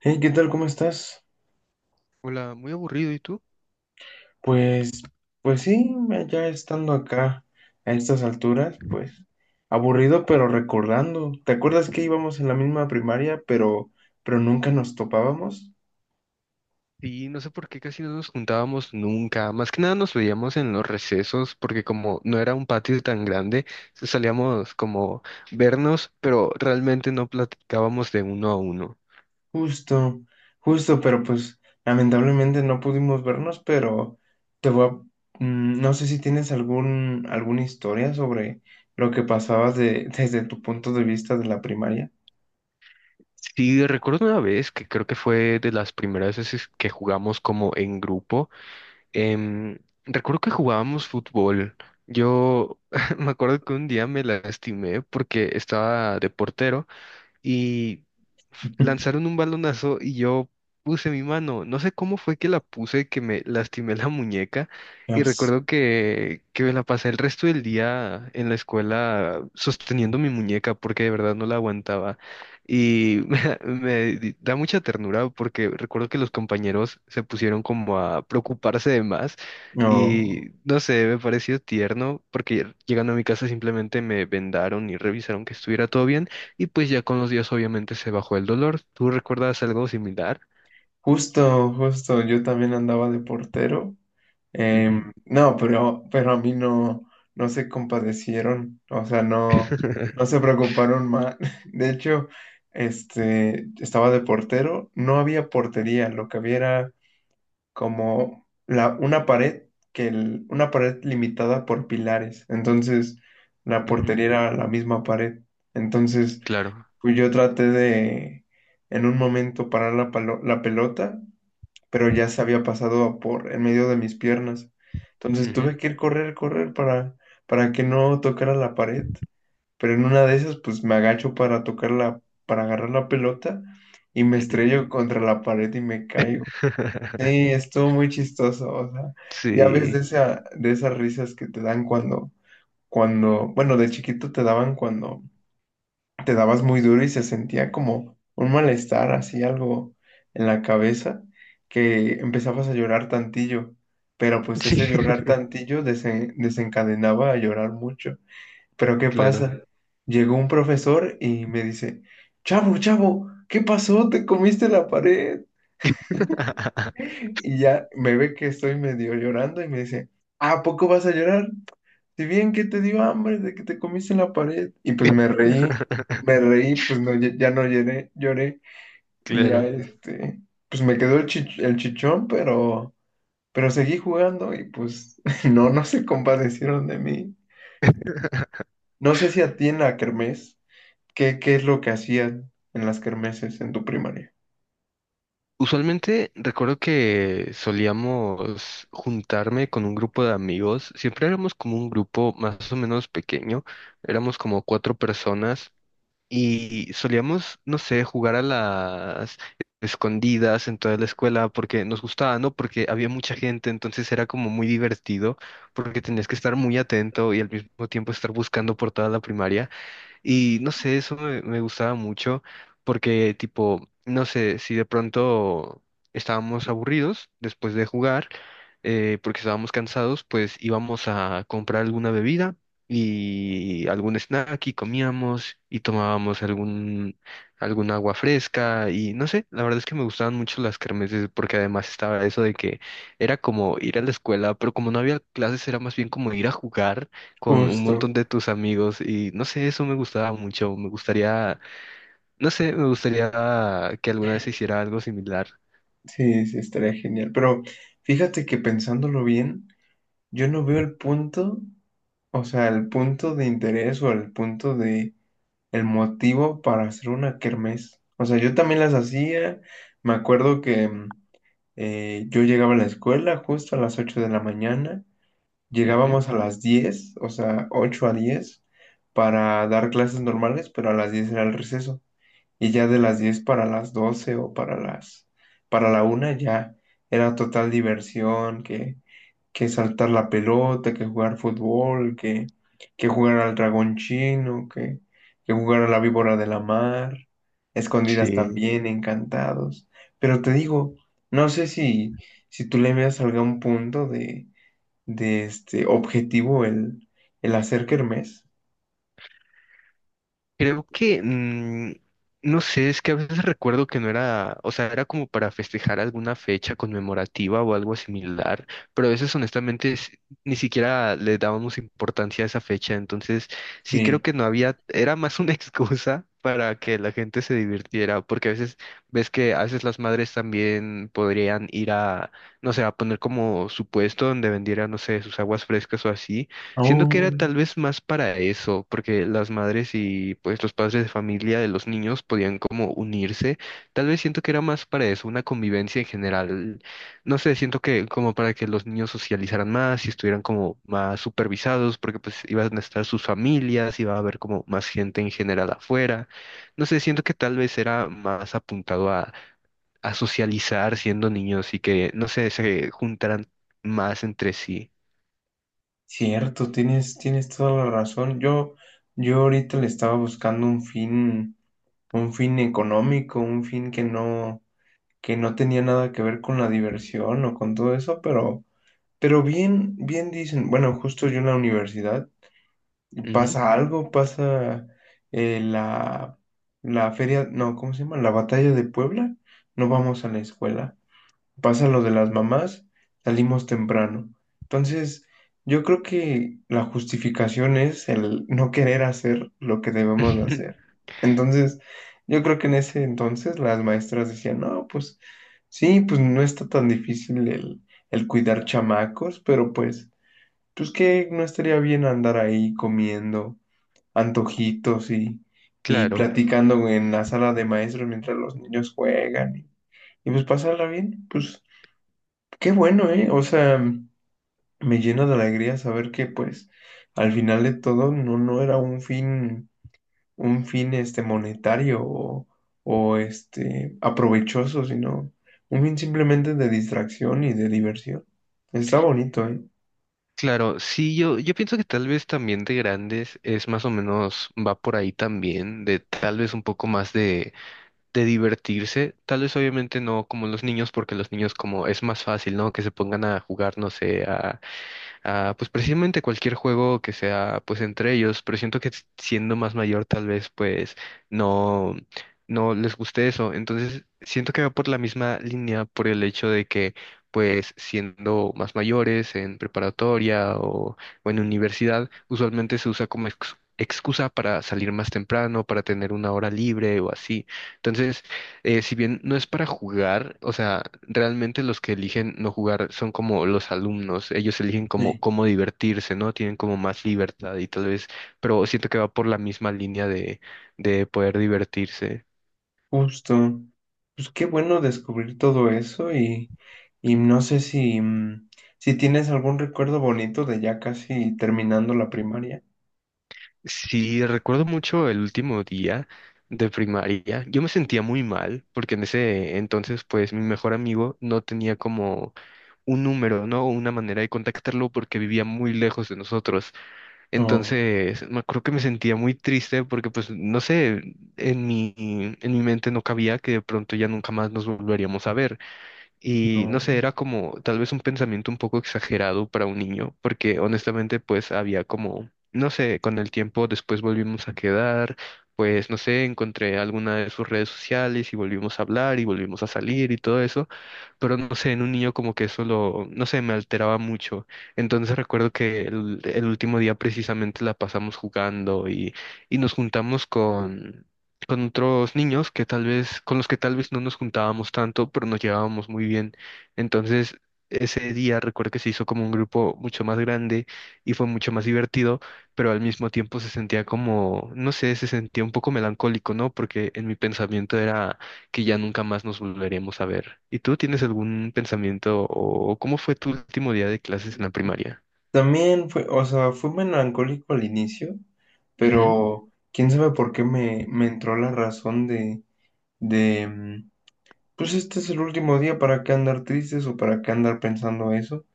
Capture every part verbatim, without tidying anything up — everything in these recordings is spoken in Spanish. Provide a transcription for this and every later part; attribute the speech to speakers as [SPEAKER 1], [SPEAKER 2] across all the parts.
[SPEAKER 1] Hey, ¿qué tal? ¿Cómo estás?
[SPEAKER 2] Hola, muy aburrido, ¿y tú?
[SPEAKER 1] Pues, pues sí, ya estando acá a estas alturas, pues aburrido, pero recordando. ¿Te acuerdas que íbamos en la misma primaria, pero, pero nunca nos topábamos?
[SPEAKER 2] Y no sé por qué casi no nos juntábamos nunca. Más que nada nos veíamos en los recesos, porque como no era un patio tan grande, se- salíamos como vernos, pero realmente no platicábamos de uno a uno.
[SPEAKER 1] Justo, justo, pero pues lamentablemente no pudimos vernos, pero te voy a, mm, no sé si tienes algún, alguna historia sobre lo que pasabas de, desde tu punto de vista de la primaria.
[SPEAKER 2] Sí, recuerdo una vez que creo que fue de las primeras veces que jugamos como en grupo. em, Recuerdo que jugábamos fútbol. Yo me acuerdo que un día me lastimé porque estaba de portero. Y lanzaron un balonazo y yo puse mi mano. No sé cómo fue que la puse, que me lastimé la muñeca y
[SPEAKER 1] Dios.
[SPEAKER 2] recuerdo que, que me la pasé el resto del día en la escuela sosteniendo mi muñeca porque de verdad no la aguantaba. Y me, da me di- da mucha ternura porque recuerdo que los compañeros se pusieron como a preocuparse de más
[SPEAKER 1] No,
[SPEAKER 2] y no sé, me pareció tierno porque llegando a mi casa simplemente me vendaron y revisaron que estuviera todo bien y pues ya con los días obviamente se bajó el dolor. ¿Tú recuerdas algo similar?
[SPEAKER 1] justo, justo, yo también andaba de portero. Em,
[SPEAKER 2] Ujú.
[SPEAKER 1] no, pero, pero a mí no, no se compadecieron, o sea, no, no se preocuparon más. De hecho, este, estaba de portero, no había portería, lo que había era como la, una pared, que el- una pared limitada por pilares. Entonces, la
[SPEAKER 2] Ujú.
[SPEAKER 1] portería era la misma pared. Entonces,
[SPEAKER 2] Claro.
[SPEAKER 1] pues yo traté de, en un momento, parar la, palo- la pelota, pero ya se había pasado por en medio de mis piernas. Entonces
[SPEAKER 2] Ujú.
[SPEAKER 1] tuve que ir correr, correr para, para que no tocara la pared. Pero en una de esas, pues me agacho para tocar la, para agarrar la pelota y me
[SPEAKER 2] Ujú.
[SPEAKER 1] estrello contra la pared y me caigo. Sí, estuvo muy chistoso. O sea, ya ves
[SPEAKER 2] Sí.
[SPEAKER 1] de esa, de esas risas que te dan cuando, cuando, bueno, de chiquito te daban cuando te dabas muy duro y se sentía como un malestar, así algo en la cabeza, que empezabas a llorar tantillo, pero pues ese
[SPEAKER 2] Sí.
[SPEAKER 1] llorar tantillo desen- desencadenaba a llorar mucho. Pero ¿qué
[SPEAKER 2] Claro.
[SPEAKER 1] pasa? Llegó un profesor y me dice, chavo, chavo, ¿qué pasó? ¿Te comiste la pared? Y ya me ve que estoy medio llorando y me dice, ¿a poco vas a llorar? Si bien que te dio hambre de que te comiste en la pared. Y pues me reí, me reí, pues no, lle- ya no lloré, lloré. Y ya
[SPEAKER 2] Claro.
[SPEAKER 1] este, pues me quedó el chich- el chichón, pero, pero seguí jugando y pues no, no se compadecieron de mí. No sé si a ti en la kermés, ¿qué, qué es lo que hacían en las kermeses en tu primaria?
[SPEAKER 2] Usualmente recuerdo que solíamos juntarme con un grupo de amigos. Siempre éramos como un grupo más o menos pequeño. Éramos como cuatro personas. Y solíamos, no sé, jugar a las escondidas en toda la escuela porque nos gustaba, ¿no? Porque había mucha gente, entonces era como muy divertido porque tenías que estar muy atento y al mismo tiempo estar buscando por toda la primaria. Y no sé, eso me, me gustaba mucho porque tipo, no sé, si de pronto estábamos aburridos después de jugar, eh, porque estábamos cansados, pues íbamos a comprar alguna bebida y algún snack y comíamos y tomábamos algún, algún agua fresca y no sé, la verdad es que me gustaban mucho las kermeses porque además estaba eso de que era como ir a la escuela, pero como no había clases era más bien como ir a jugar con un
[SPEAKER 1] Justo,
[SPEAKER 2] montón de tus amigos y no sé, eso me gustaba mucho, me gustaría, no sé, me gustaría que alguna vez se hiciera algo similar.
[SPEAKER 1] sí, sí, estaría genial. Pero fíjate que pensándolo bien, yo no veo el punto, o sea, el punto de interés o el punto de el motivo para hacer una kermés. O sea, yo también las hacía. Me acuerdo que mm, eh, yo llegaba a la escuela justo a las ocho de la mañana.
[SPEAKER 2] Ujú.
[SPEAKER 1] Llegábamos a las diez, o sea, ocho a diez para dar clases normales, pero a las diez era el receso. Y ya de las diez para las doce o para las, para la una ya era total diversión, que que saltar la pelota, que jugar fútbol, que, que jugar al dragón chino, que, que jugar a la víbora de la mar, escondidas
[SPEAKER 2] Sí.
[SPEAKER 1] también, encantados. Pero te digo, no sé si, si tú le veas algún punto de, de este objetivo el, el hacer kermés.
[SPEAKER 2] Creo que, mm, no sé, es que a veces recuerdo que no era, o sea, era como para festejar alguna fecha conmemorativa o algo similar, pero a veces honestamente s- ni siquiera le dábamos importancia a esa fecha, entonces sí creo que
[SPEAKER 1] Sí.
[SPEAKER 2] no había, era más una excusa para que la gente se divirtiera, porque a veces ves que a veces las madres también podrían ir a, no sé, a poner como su puesto donde vendieran, no sé, sus aguas frescas o así. Siento que era
[SPEAKER 1] Oh,
[SPEAKER 2] tal vez más para eso, porque las madres y pues los padres de familia de los niños podían como unirse. Tal vez siento que era más para eso, una convivencia en general. No sé, siento que como para que los niños socializaran más y estuvieran como más supervisados, porque pues iban a estar sus familias, iba a haber como más gente en general afuera. No sé, siento que tal vez era más apuntado a, a, socializar siendo niños y que, no sé, se juntaran más entre sí.
[SPEAKER 1] cierto, tienes, tienes toda la razón. Yo, yo ahorita le estaba buscando un fin, un fin económico, un fin que no que no tenía nada que ver con la diversión o con todo eso, pero, pero bien, bien dicen, bueno, justo yo en la universidad
[SPEAKER 2] Ujú.
[SPEAKER 1] pasa algo, pasa eh, la, la feria, no, ¿cómo se llama? La batalla de Puebla, no vamos a la escuela, pasa lo de las mamás, salimos temprano. Entonces, yo creo que la justificación es el no querer hacer lo que debemos de hacer. Entonces, yo creo que en ese entonces las maestras decían, no, pues sí, pues no está tan difícil el, el cuidar chamacos, pero pues, pues que no estaría bien andar ahí comiendo antojitos y, y
[SPEAKER 2] Claro.
[SPEAKER 1] platicando en la sala de maestros mientras los niños juegan y, y pues pasarla bien, pues. Qué bueno, ¿eh? O sea, me llena de alegría saber que, pues, al final de todo no, no era un fin, un fin, este, monetario o, o, este, aprovechoso, sino un fin simplemente de distracción y de diversión. Está bonito, ¿eh?
[SPEAKER 2] Claro, sí, yo, yo pienso que tal vez también de grandes es más o menos, va por ahí también, de tal vez un poco más de, de divertirse, tal vez obviamente no como los niños, porque los niños como es más fácil, ¿no? Que se pongan a jugar, no sé, a, pues precisamente cualquier juego que sea pues entre ellos, pero siento que siendo más mayor tal vez pues no, no les guste eso. Entonces siento que va por la misma línea por el hecho de que pues siendo más mayores en preparatoria o, o en universidad, usualmente se usa como ex- excusa para salir más temprano, para tener una hora libre o así. Entonces, eh, si bien no es para jugar, o sea, realmente los que eligen no jugar son como los alumnos, ellos eligen como
[SPEAKER 1] Sí.
[SPEAKER 2] cómo divertirse, ¿no? Tienen como más libertad y tal vez, pero siento que va por la misma línea de, de poder divertirse.
[SPEAKER 1] Justo. Pues qué bueno descubrir todo eso y, y no sé si, mm, si tienes algún recuerdo bonito de ya casi terminando la primaria.
[SPEAKER 2] Sí, recuerdo mucho el último día de primaria, yo me sentía muy mal, porque en ese entonces, pues, mi mejor amigo no tenía como un número, ¿no? Una manera de contactarlo porque vivía muy lejos de nosotros.
[SPEAKER 1] No,
[SPEAKER 2] Entonces, me acuerdo que me sentía muy triste porque, pues, no sé, en mi, en mi mente no cabía que de pronto ya nunca más nos volveríamos a ver. Y no sé,
[SPEAKER 1] no.
[SPEAKER 2] era como tal vez un pensamiento un poco exagerado para un niño, porque honestamente pues había como, no sé, con el tiempo después volvimos a quedar, pues no sé, encontré alguna de sus redes sociales y volvimos a hablar y volvimos a salir y todo eso, pero no sé, en un niño como que eso lo, no sé, me alteraba mucho. Entonces recuerdo que el, el último día precisamente la pasamos jugando y, y nos juntamos con con otros niños que tal vez, con los que tal vez no nos juntábamos tanto, pero nos llevábamos muy bien. Entonces, ese día recuerdo que se hizo como un grupo mucho más grande y fue mucho más divertido, pero al mismo tiempo se sentía como, no sé, se sentía un poco melancólico, ¿no? Porque en mi pensamiento era que ya nunca más nos volveremos a ver. ¿Y tú tienes algún pensamiento o cómo fue tu último día de clases en la primaria?
[SPEAKER 1] También fue, o sea, fue melancólico al inicio,
[SPEAKER 2] Ujú.
[SPEAKER 1] pero quién sabe por qué me, me entró la razón de, de, mm, pues este es el último día, ¿para qué andar tristes o para qué andar pensando eso?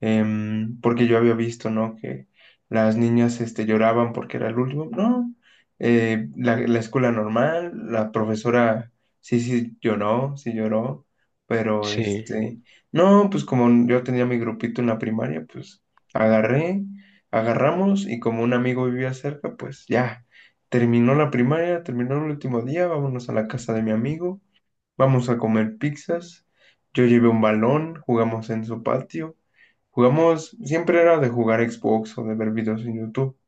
[SPEAKER 1] em, Porque yo había visto, ¿no? Que las niñas este, lloraban porque era el último. No, eh, la, la escuela normal, la profesora sí, sí lloró, sí lloró, pero
[SPEAKER 2] Sí.
[SPEAKER 1] este, no, pues como yo tenía mi grupito en la primaria, pues agarré, agarramos y como un amigo vivía cerca, pues ya. Terminó la primaria, terminó el último día, vámonos a la casa de mi amigo. Vamos a comer pizzas. Yo llevé un balón, jugamos en su patio. Jugamos, siempre era de jugar Xbox o de ver videos en YouTube.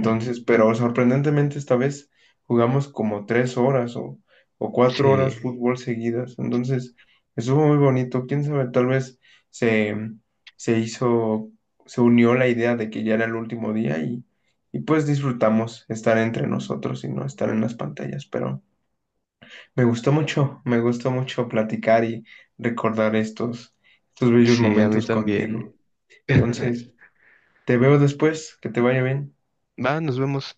[SPEAKER 2] Ujú.
[SPEAKER 1] pero sorprendentemente esta vez jugamos como tres horas o, o cuatro horas
[SPEAKER 2] Sí.
[SPEAKER 1] fútbol seguidas. Entonces, estuvo muy bonito. Quién sabe, tal vez se, se hizo, se unió la idea de que ya era el último día y, y pues disfrutamos estar entre nosotros y no estar en las pantallas. Pero. Me gustó mucho, me gustó mucho platicar y recordar estos, estos bellos
[SPEAKER 2] Sí, a mí
[SPEAKER 1] momentos
[SPEAKER 2] también.
[SPEAKER 1] contigo. Entonces, te veo después, que te vaya bien.
[SPEAKER 2] Va, nos vemos.